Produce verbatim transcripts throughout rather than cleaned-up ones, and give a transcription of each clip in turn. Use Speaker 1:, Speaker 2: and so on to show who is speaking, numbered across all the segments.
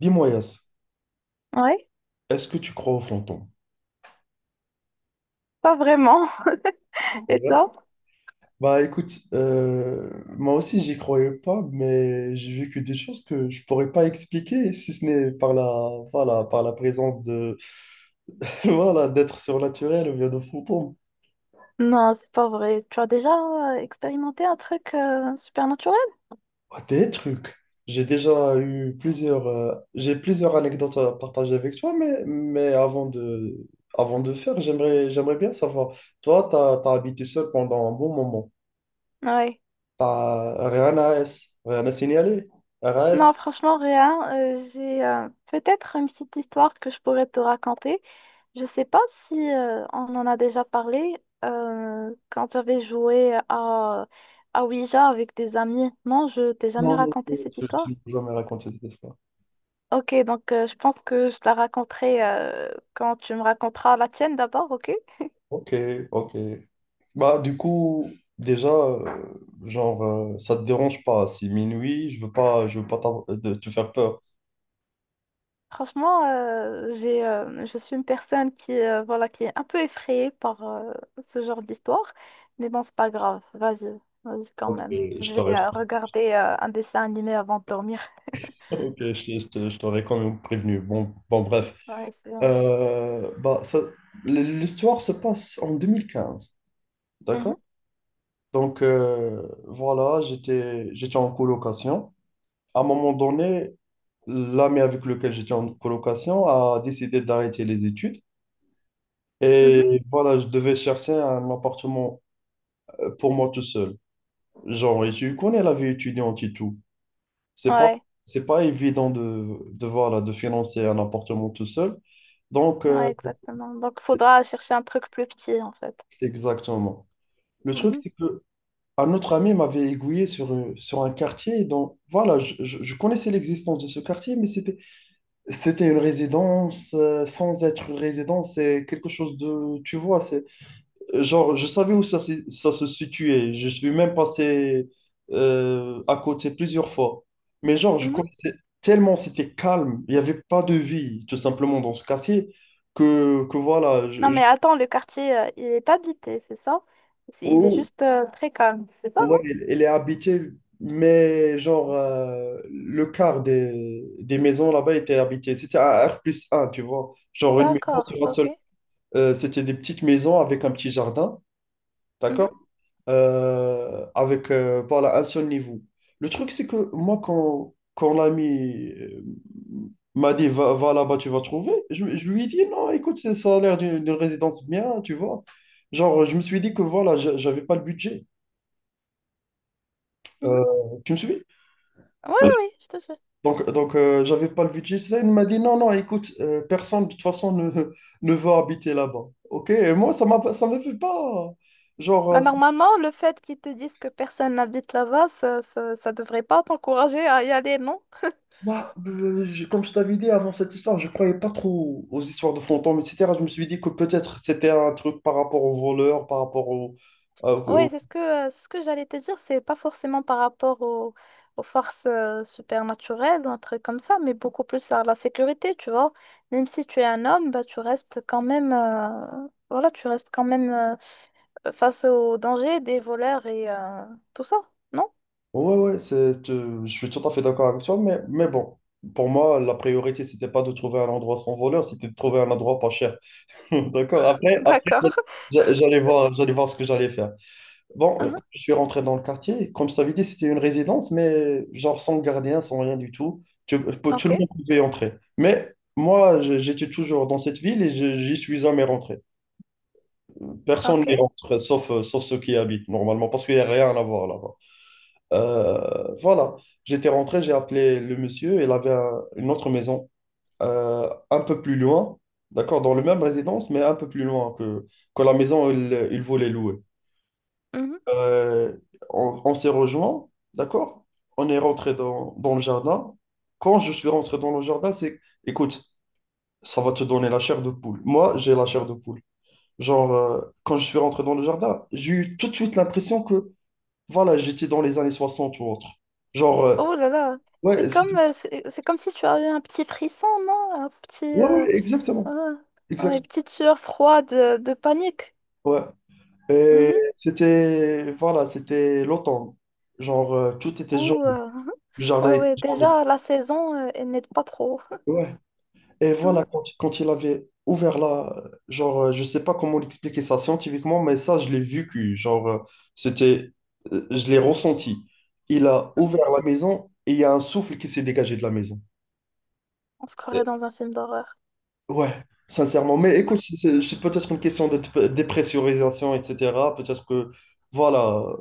Speaker 1: Dis-moi, Yas,
Speaker 2: Ouais,
Speaker 1: est-ce que tu crois aux fantômes?
Speaker 2: pas vraiment. Et
Speaker 1: Ouais.
Speaker 2: toi?
Speaker 1: Bah écoute, euh, moi aussi j'y croyais pas, mais j'ai vécu des choses que je pourrais pas expliquer si ce n'est par la, voilà, par la présence de, voilà, d'êtres surnaturels ou bien de fantômes.
Speaker 2: Non, c'est pas vrai. Tu as déjà euh, expérimenté un truc euh, supernaturel?
Speaker 1: Ah, des trucs. J'ai déjà eu plusieurs, euh, j'ai plusieurs anecdotes à partager avec toi, mais, mais avant de, avant de faire, j'aimerais, j'aimerais bien savoir. Toi, t'as, t'as habité seul pendant un bon moment.
Speaker 2: Ouais.
Speaker 1: Ah, Rehan A S. Rehan a signalé. R A S.
Speaker 2: Non, franchement, rien. Euh, j'ai euh, peut-être une petite histoire que je pourrais te raconter. Je sais pas si euh, on en a déjà parlé euh, quand j'avais joué à, à Ouija avec des amis. Non, je t'ai jamais
Speaker 1: Non, non,
Speaker 2: raconté
Speaker 1: non,
Speaker 2: cette histoire?
Speaker 1: tu peux jamais raconter cette histoire.
Speaker 2: Ok, donc euh, je pense que je te la raconterai euh, quand tu me raconteras la tienne d'abord, ok?
Speaker 1: Ok, ok. Bah, du coup, déjà, euh, genre, euh, ça te dérange pas. Si minuit, je veux pas, je veux pas t'avoir- de te faire peur.
Speaker 2: Franchement, euh, j'ai, euh, je suis une personne qui, euh, voilà, qui est un peu effrayée par euh, ce genre d'histoire. Mais bon, c'est pas grave. Vas-y, vas-y quand
Speaker 1: Ok,
Speaker 2: même.
Speaker 1: je
Speaker 2: Je vais
Speaker 1: t'aurais,
Speaker 2: euh, regarder euh, un dessin animé avant de dormir.
Speaker 1: ok, je, je te- je t'aurais quand même prévenu. Bon, bon, bref.
Speaker 2: Ouais, c'est bon.
Speaker 1: Euh, bah, ça, l'histoire se passe en deux mille quinze, d'accord?
Speaker 2: Mhm,
Speaker 1: Donc, euh, voilà, j'étais, j'étais en colocation. À un moment donné, l'ami avec lequel j'étais en colocation a décidé d'arrêter les études.
Speaker 2: mhm.
Speaker 1: Et voilà, je devais chercher un appartement euh, pour moi tout seul. Genre, et tu connais la vie étudiante et tout. C'est pas,
Speaker 2: Ouais,
Speaker 1: c'est pas évident de, de, voilà, de financer un appartement tout seul. Donc, euh,
Speaker 2: ouais, exactement. Donc, faudra chercher un truc plus petit, en fait.
Speaker 1: exactement. Le truc,
Speaker 2: Mhm,
Speaker 1: c'est que un autre ami m'avait aiguillé sur, euh, sur un quartier dont, voilà, je, je- je connaissais l'existence de ce quartier, mais c'était c'était une résidence, euh, sans être une résidence, c'est quelque chose de, tu vois, c'est euh, genre, je savais où ça, se- ça se situait, je suis même passé euh, à côté plusieurs fois. Mais genre, je
Speaker 2: mhm.
Speaker 1: connaissais tellement, c'était calme, il n'y avait pas de vie, tout simplement, dans ce quartier, que, que voilà,
Speaker 2: Non,
Speaker 1: je, je-
Speaker 2: mais attends, le quartier, euh, il est habité, c'est ça? C'est- Il est
Speaker 1: Oh,
Speaker 2: juste euh, très calme, c'est ça, non?
Speaker 1: ouais, elle elle est habitée, mais genre, euh, le quart des, des maisons là-bas était habité. C'était un R plus un tu vois, genre une maison
Speaker 2: D'accord,
Speaker 1: sur un seul.
Speaker 2: ok.
Speaker 1: Euh, c'était des petites maisons avec un petit jardin,
Speaker 2: Mhm,
Speaker 1: d'accord? Euh, avec euh, voilà, un seul niveau. Le truc, c'est que moi, quand, quand l'ami euh, m'a dit va, va là-bas, tu vas trouver, je, je lui ai dit non, écoute, c'est- ça a l'air d'une d'une résidence bien, tu vois. Genre, je me suis dit que voilà, j'a- j'avais pas le budget.
Speaker 2: mhm.
Speaker 1: Euh, tu me suis?
Speaker 2: Oui, oui, oui, je te jure.
Speaker 1: Donc, donc euh, j'avais pas le budget. Ça, il m'a dit non, non, écoute, euh, personne de toute façon ne, ne veut habiter là-bas. Ok? Et moi, ça m'a, ça me fait pas. Genre,
Speaker 2: Bah,
Speaker 1: euh,
Speaker 2: normalement, le fait qu'ils te disent que personne n'habite là-bas, ça, ça, ça devrait pas t'encourager à y aller, non?
Speaker 1: bah, euh, je- comme je t'avais dit avant cette histoire, je croyais pas trop aux histoires de fantômes, et cetera. Je me suis dit que peut-être c'était un truc par rapport aux voleurs, par rapport au... à-
Speaker 2: Ouais,
Speaker 1: au-
Speaker 2: c'est ce que, euh, ce que j'allais te dire, c'est pas forcément par rapport au- aux forces euh, supernaturelles ou un truc comme ça, mais beaucoup plus à la sécurité, tu vois. Même si tu es un homme, bah, tu restes quand même, euh, voilà, tu restes quand même euh, face aux dangers des voleurs et euh, tout ça, non?
Speaker 1: Ouais, ouais, c'est, euh, je suis tout à fait d'accord avec toi, mais, mais bon, pour moi, la priorité, c'était pas de trouver un endroit sans voleur, c'était de trouver un endroit pas cher. D'accord? Après, après
Speaker 2: D'accord.
Speaker 1: j'a- j'allais voir, j'allais voir ce que j'allais faire. Bon, euh,
Speaker 2: Mhm.
Speaker 1: je suis rentré dans le quartier. Comme je t'avais dit, c'était une résidence, mais genre sans gardien, sans rien du tout. Tu- peux tout
Speaker 2: Ok,
Speaker 1: le monde pouvait y entrer. Mais moi, je- j'étais toujours dans cette ville et je- j'y suis jamais rentré. Personne
Speaker 2: ok.
Speaker 1: n'y rentre, sauf, euh, sauf ceux qui y habitent normalement, parce qu'il n'y a rien à voir là-bas. Euh, voilà, j'étais rentré, j'ai appelé le monsieur. Il avait un- une autre maison euh, un peu plus loin, d'accord, dans le même résidence, mais un peu plus loin que, que la maison où il il voulait louer.
Speaker 2: Mhm.
Speaker 1: Euh, on on s'est rejoints, d'accord? On est rentré dans, dans le jardin. Quand je suis rentré dans le jardin, c'est, écoute, ça va te donner la chair de poule. Moi, j'ai la chair de poule. Genre, euh, quand je suis rentré dans le jardin, j'ai eu tout de suite l'impression que, voilà, j'étais dans les années soixante ou autre. Genre, euh,
Speaker 2: Oh là là, c'est
Speaker 1: ouais, c'est-
Speaker 2: comme, euh, c'est c'est comme si tu avais un petit frisson, non? Un petit,
Speaker 1: ouais,
Speaker 2: euh,
Speaker 1: ouais, exactement.
Speaker 2: euh, ouais, une
Speaker 1: Exactement.
Speaker 2: petite sueur froide euh, de panique.
Speaker 1: Ouais. Et
Speaker 2: Mhm.
Speaker 1: c'était, voilà, c'était l'automne. Genre, euh, tout était jaune.
Speaker 2: Ou, euh,
Speaker 1: Le
Speaker 2: ouais,
Speaker 1: jardin était
Speaker 2: ouais,
Speaker 1: jaune.
Speaker 2: déjà, la saison, euh, elle n'aide pas trop.
Speaker 1: Et
Speaker 2: Mhm,
Speaker 1: voilà, quand, quand il avait ouvert la... Genre, euh, je sais pas comment l'expliquer ça scientifiquement, mais ça, je l'ai vu que, genre, euh, c'était... euh, je l'ai ressenti. Il a
Speaker 2: mhm.
Speaker 1: ouvert la maison et il y a un souffle qui s'est dégagé de la maison.
Speaker 2: On se
Speaker 1: Euh,
Speaker 2: croirait dans un film d'horreur.
Speaker 1: Ouais, sincèrement. Mais
Speaker 2: Mhm.
Speaker 1: écoute, c'est c'est- c'est peut-être une question de de dépressurisation, et cetera. Peut-être que, voilà, euh,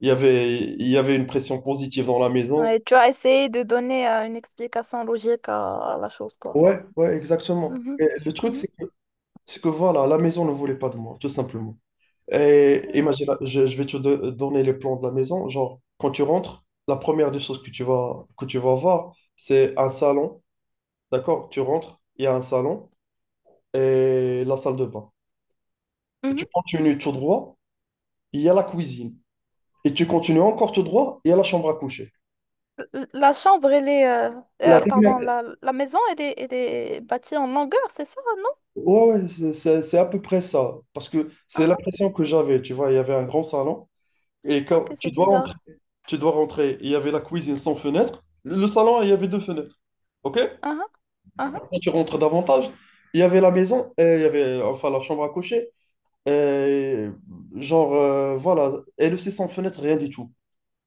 Speaker 1: il y avait, il y avait une pression positive dans la maison.
Speaker 2: Ouais, tu as essayé de donner euh, une explication logique à, à la chose, quoi.
Speaker 1: Ouais, ouais, exactement.
Speaker 2: Mhm,
Speaker 1: Et le truc,
Speaker 2: mhm,
Speaker 1: c'est que, c'est que, voilà, la maison ne voulait pas de moi, tout simplement. Et
Speaker 2: mhm,
Speaker 1: imagine, je, je vais te do- donner les plans de la maison. Genre, quand tu rentres, la première des choses que tu vas, que tu vas voir, c'est un salon. D'accord? Tu rentres, il y a un salon et la salle de bain. Et tu
Speaker 2: mhm.
Speaker 1: continues tout droit, il y a la cuisine. Et tu continues encore tout droit, il y a la chambre à coucher.
Speaker 2: L- La chambre, elle est... euh,
Speaker 1: La
Speaker 2: euh,
Speaker 1: dernière-
Speaker 2: pardon, la, la maison, elle est, elle est bâtie en longueur, c'est ça, non?
Speaker 1: Ouais, ouais, c'est c'est- c'est à peu près ça. Parce que c'est
Speaker 2: Ah,
Speaker 1: l'impression que j'avais. Tu vois, il y avait un grand salon. Et quand
Speaker 2: ok,
Speaker 1: tu
Speaker 2: c'est
Speaker 1: dois rentrer,
Speaker 2: bizarre.
Speaker 1: tu dois rentrer, il y avait la cuisine sans fenêtre. Le salon, il y avait deux fenêtres. OK?
Speaker 2: Ah ah, ah ah.
Speaker 1: Quand tu rentres davantage, il y avait la maison, euh, il y avait enfin la chambre à coucher, euh, genre euh, voilà, elle aussi sans fenêtre, rien du tout.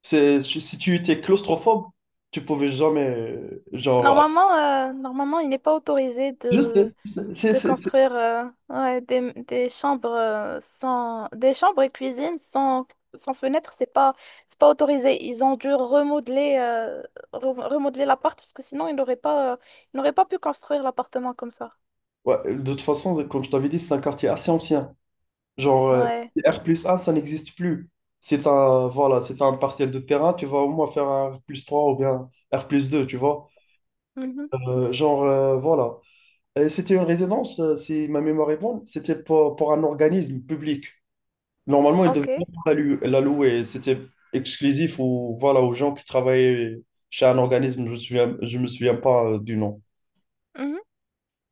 Speaker 1: C'est, si si tu étais claustrophobe, tu pouvais jamais, euh, genre,
Speaker 2: Normalement, euh, normalement, il n'est pas autorisé
Speaker 1: je sais,
Speaker 2: de,
Speaker 1: je sais, c'est,
Speaker 2: de
Speaker 1: c'est, c'est-
Speaker 2: construire euh, ouais, des, des chambres euh, sans des chambres et cuisines sans, sans fenêtre, c'est pas c'est pas autorisé. Ils ont dû remodeler euh, re- remodeler l'appart parce que sinon ils n'auraient pas euh, ils n'auraient pas pu construire l'appartement comme ça.
Speaker 1: Ouais, de toute façon, comme je t'avais dit, c'est un quartier assez ancien. Genre, euh,
Speaker 2: Ouais.
Speaker 1: R plus un ça n'existe plus. C'est un, voilà, c'est un partiel de terrain, tu vas au moins faire un R plus trois ou bien R plus deux tu vois.
Speaker 2: Mhm.
Speaker 1: Euh, genre, euh, voilà. Euh, c'était une résidence, euh, si ma mémoire est bonne, c'était pour, pour un organisme public. Normalement, ils
Speaker 2: Ok.
Speaker 1: devaient pas la lu- la louer. C'était exclusif aux, voilà, aux gens qui travaillaient chez un organisme. Je ne me souviens, je me souviens pas euh, du nom.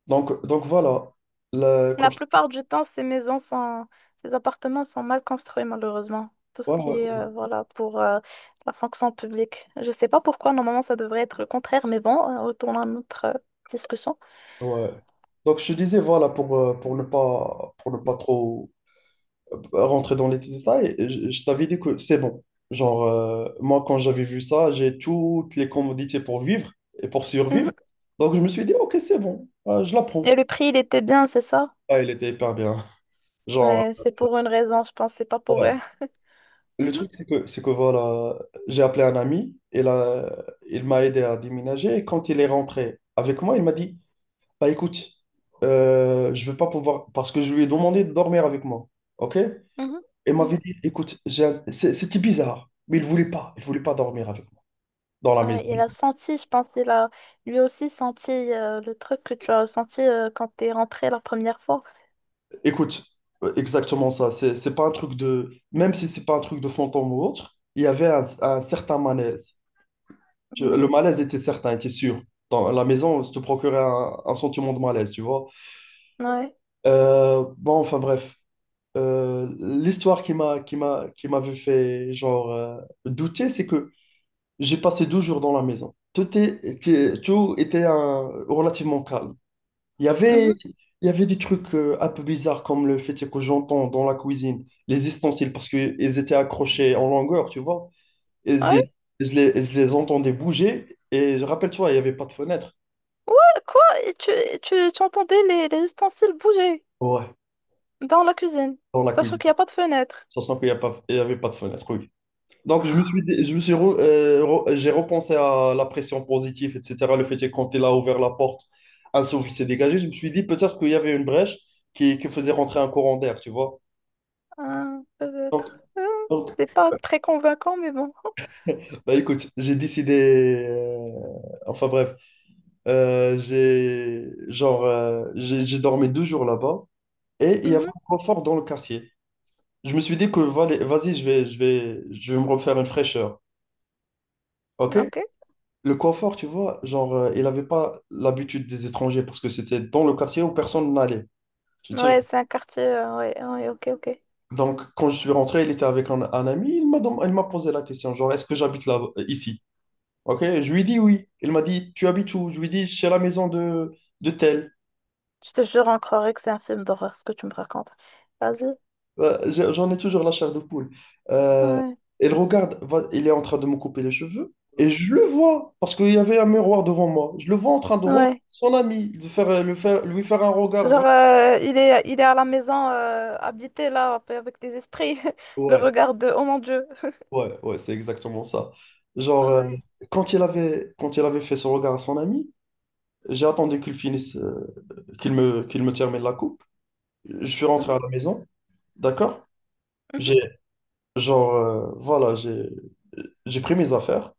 Speaker 1: Donc, donc voilà. Là, comme
Speaker 2: La
Speaker 1: je-
Speaker 2: plupart du temps, ces maisons sont, ces appartements sont mal construits, malheureusement. Tout ce
Speaker 1: ouais,
Speaker 2: qui est,
Speaker 1: ouais,
Speaker 2: euh, voilà, pour euh, la fonction publique. Je sais pas pourquoi, normalement, ça devrait être le contraire, mais bon, euh, retournons à notre euh, discussion.
Speaker 1: ouais. Donc je te disais, voilà, pour, euh, pour ne pas, pour ne pas trop rentrer dans les détails, je, je t'avais dit que c'est bon. Genre, euh, moi, quand j'avais vu ça, j'ai toutes les commodités pour vivre et pour survivre.
Speaker 2: Mhm.
Speaker 1: Donc, je me suis dit, OK, c'est bon, euh, je la prends.
Speaker 2: Et le prix, il était bien, c'est ça?
Speaker 1: Ah, il était hyper bien. Genre,
Speaker 2: Ouais, c'est pour une raison, je pense, c'est pas pour eux.
Speaker 1: ouais. Le
Speaker 2: Mhm,
Speaker 1: truc, c'est que, c'est que voilà, j'ai appelé un ami, et là, il m'a aidé à déménager. Et quand il est rentré avec moi, il m'a dit, bah écoute, euh, je vais pas pouvoir, parce que je lui ai demandé de dormir avec moi. OK? Et
Speaker 2: mhm,
Speaker 1: il m'avait
Speaker 2: mhm.
Speaker 1: dit, écoute, j'ai un- c'est- c'était bizarre, mais il voulait pas, il voulait pas dormir avec moi dans la maison.
Speaker 2: Ouais, il a senti, je pense, il a lui aussi senti euh, le truc que tu as ressenti euh, quand t'es rentré la première fois.
Speaker 1: Écoute, euh, exactement ça. C'est, c'est pas un truc de, même si c'est pas un truc de fantôme ou autre, il y avait un, un certain malaise. Tu- le
Speaker 2: Mhm.
Speaker 1: malaise était certain, était sûr. Dans la maison, ça te procurait un, un sentiment de malaise, tu vois.
Speaker 2: Ouais.
Speaker 1: Euh, bon, enfin bref, euh, l'histoire qui m'a, qui m'a, qui m'avait fait genre euh, douter, c'est que j'ai passé douze jours dans la maison. Tout est- était, tout était euh, relativement calme. Il y avait,
Speaker 2: Mhm.
Speaker 1: il y avait des trucs euh, un peu bizarres comme le fait que j'entends dans la cuisine, les ustensiles, parce qu'ils étaient accrochés en longueur, tu vois. Et je
Speaker 2: Ouais,
Speaker 1: les, je les, et je les entendais bouger. Et je rappelle-toi, il n'y avait pas de fenêtre.
Speaker 2: ouais. Quoi? Et tu, et tu, tu entendais les, les ustensiles bouger
Speaker 1: Ouais,
Speaker 2: dans la cuisine,
Speaker 1: dans la
Speaker 2: sachant
Speaker 1: cuisine.
Speaker 2: qu'il n'y a pas de fenêtre.
Speaker 1: Ça sent qu'il n'y a pas, il y avait pas de fenêtre, oui. Donc, je me suis, dit- je me suis, re- euh, re- j'ai repensé à la pression positive, et cetera. Le fait que quand il a ouvert la porte, un souffle s'est dégagé. Je me suis dit peut-être qu'il y avait une brèche qui, qui faisait rentrer un courant d'air, tu vois.
Speaker 2: Ah,
Speaker 1: Donc,
Speaker 2: peut-être. Ah,
Speaker 1: donc,
Speaker 2: c'est pas très convaincant, mais bon.
Speaker 1: bah écoute, j'ai décidé. Euh, enfin bref, euh, j'ai genre euh, j'ai j'ai dormi deux jours là-bas et il y avait
Speaker 2: Mhm,
Speaker 1: un confort dans le quartier. Je me suis dit que vale- vas-y, je vais je vais je vais me refaire une fraîcheur. Ok?
Speaker 2: ok.
Speaker 1: Le confort, tu vois, genre euh, il n'avait pas l'habitude des étrangers parce que c'était dans le quartier où personne n'allait. Tu te
Speaker 2: Ouais,
Speaker 1: souviens.
Speaker 2: c'est un quartier. Euh, ouais, ouais, ok, ok.
Speaker 1: Donc quand je suis rentré, il était avec un, un ami. Il m'a dem- il m'a posé la question, genre est-ce que j'habite là ici? Ok, je lui dis oui. Il m'a dit, tu habites où? Je lui dis, chez la maison de, de tel.
Speaker 2: Je te jure, on croirait que c'est un film d'horreur, ce que tu me racontes. Vas-y.
Speaker 1: Euh, j'ai- J'en ai toujours la chair de poule. Euh,
Speaker 2: Ouais,
Speaker 1: il regarde, va- il est en train de me couper les cheveux. Et je le vois, parce qu'il y avait un miroir devant moi. Je le vois en train de regarder
Speaker 2: ouais.
Speaker 1: son ami, de faire, le faire, lui faire un regard vrai.
Speaker 2: Genre, euh, il est, il est à la maison, euh, habité là, un peu avec des esprits. Le
Speaker 1: Ouais,
Speaker 2: regard de, oh mon Dieu.
Speaker 1: ouais, ouais, c'est exactement ça. Genre, euh,
Speaker 2: Ouais.
Speaker 1: quand il avait, quand il avait fait ce regard à son ami, j'ai attendu qu'il finisse, euh, qu'il me, qu'il me termine la coupe. Je suis rentré
Speaker 2: Mhm,
Speaker 1: à la maison, d'accord?
Speaker 2: mhm.
Speaker 1: J'ai genre, euh, voilà, j'ai j'ai pris mes affaires,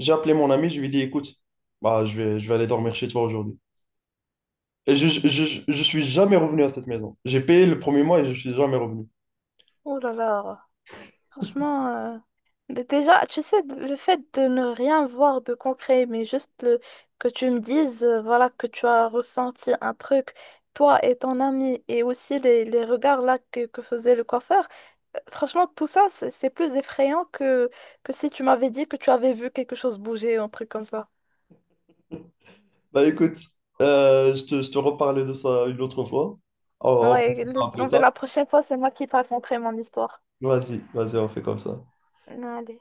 Speaker 1: j'ai appelé mon ami, je lui ai dit, écoute, bah, je vais, je vais aller dormir chez toi aujourd'hui. Et je, je, je, je suis jamais revenu à cette maison. J'ai payé le premier mois et je suis jamais revenu.
Speaker 2: Oh là là. Franchement, euh, d- déjà, tu sais, d- le fait de ne rien voir de concret, mais juste le- que tu me dises, euh, voilà, que tu as ressenti un truc, toi et ton ami, et aussi les, les regards là que, que faisait le coiffeur, euh, franchement, tout ça, c'est c'est plus effrayant que, que si tu m'avais dit que tu avais vu quelque chose bouger un truc comme ça.
Speaker 1: Bah écoute, euh, je te, je te reparle de ça une autre fois. On, on
Speaker 2: Ouais,
Speaker 1: fera ça
Speaker 2: laisse
Speaker 1: plus
Speaker 2: tomber,
Speaker 1: tard.
Speaker 2: la prochaine fois, c'est moi qui te raconterai mon histoire.
Speaker 1: Vas-y, vas-y, on fait comme ça.
Speaker 2: Allez.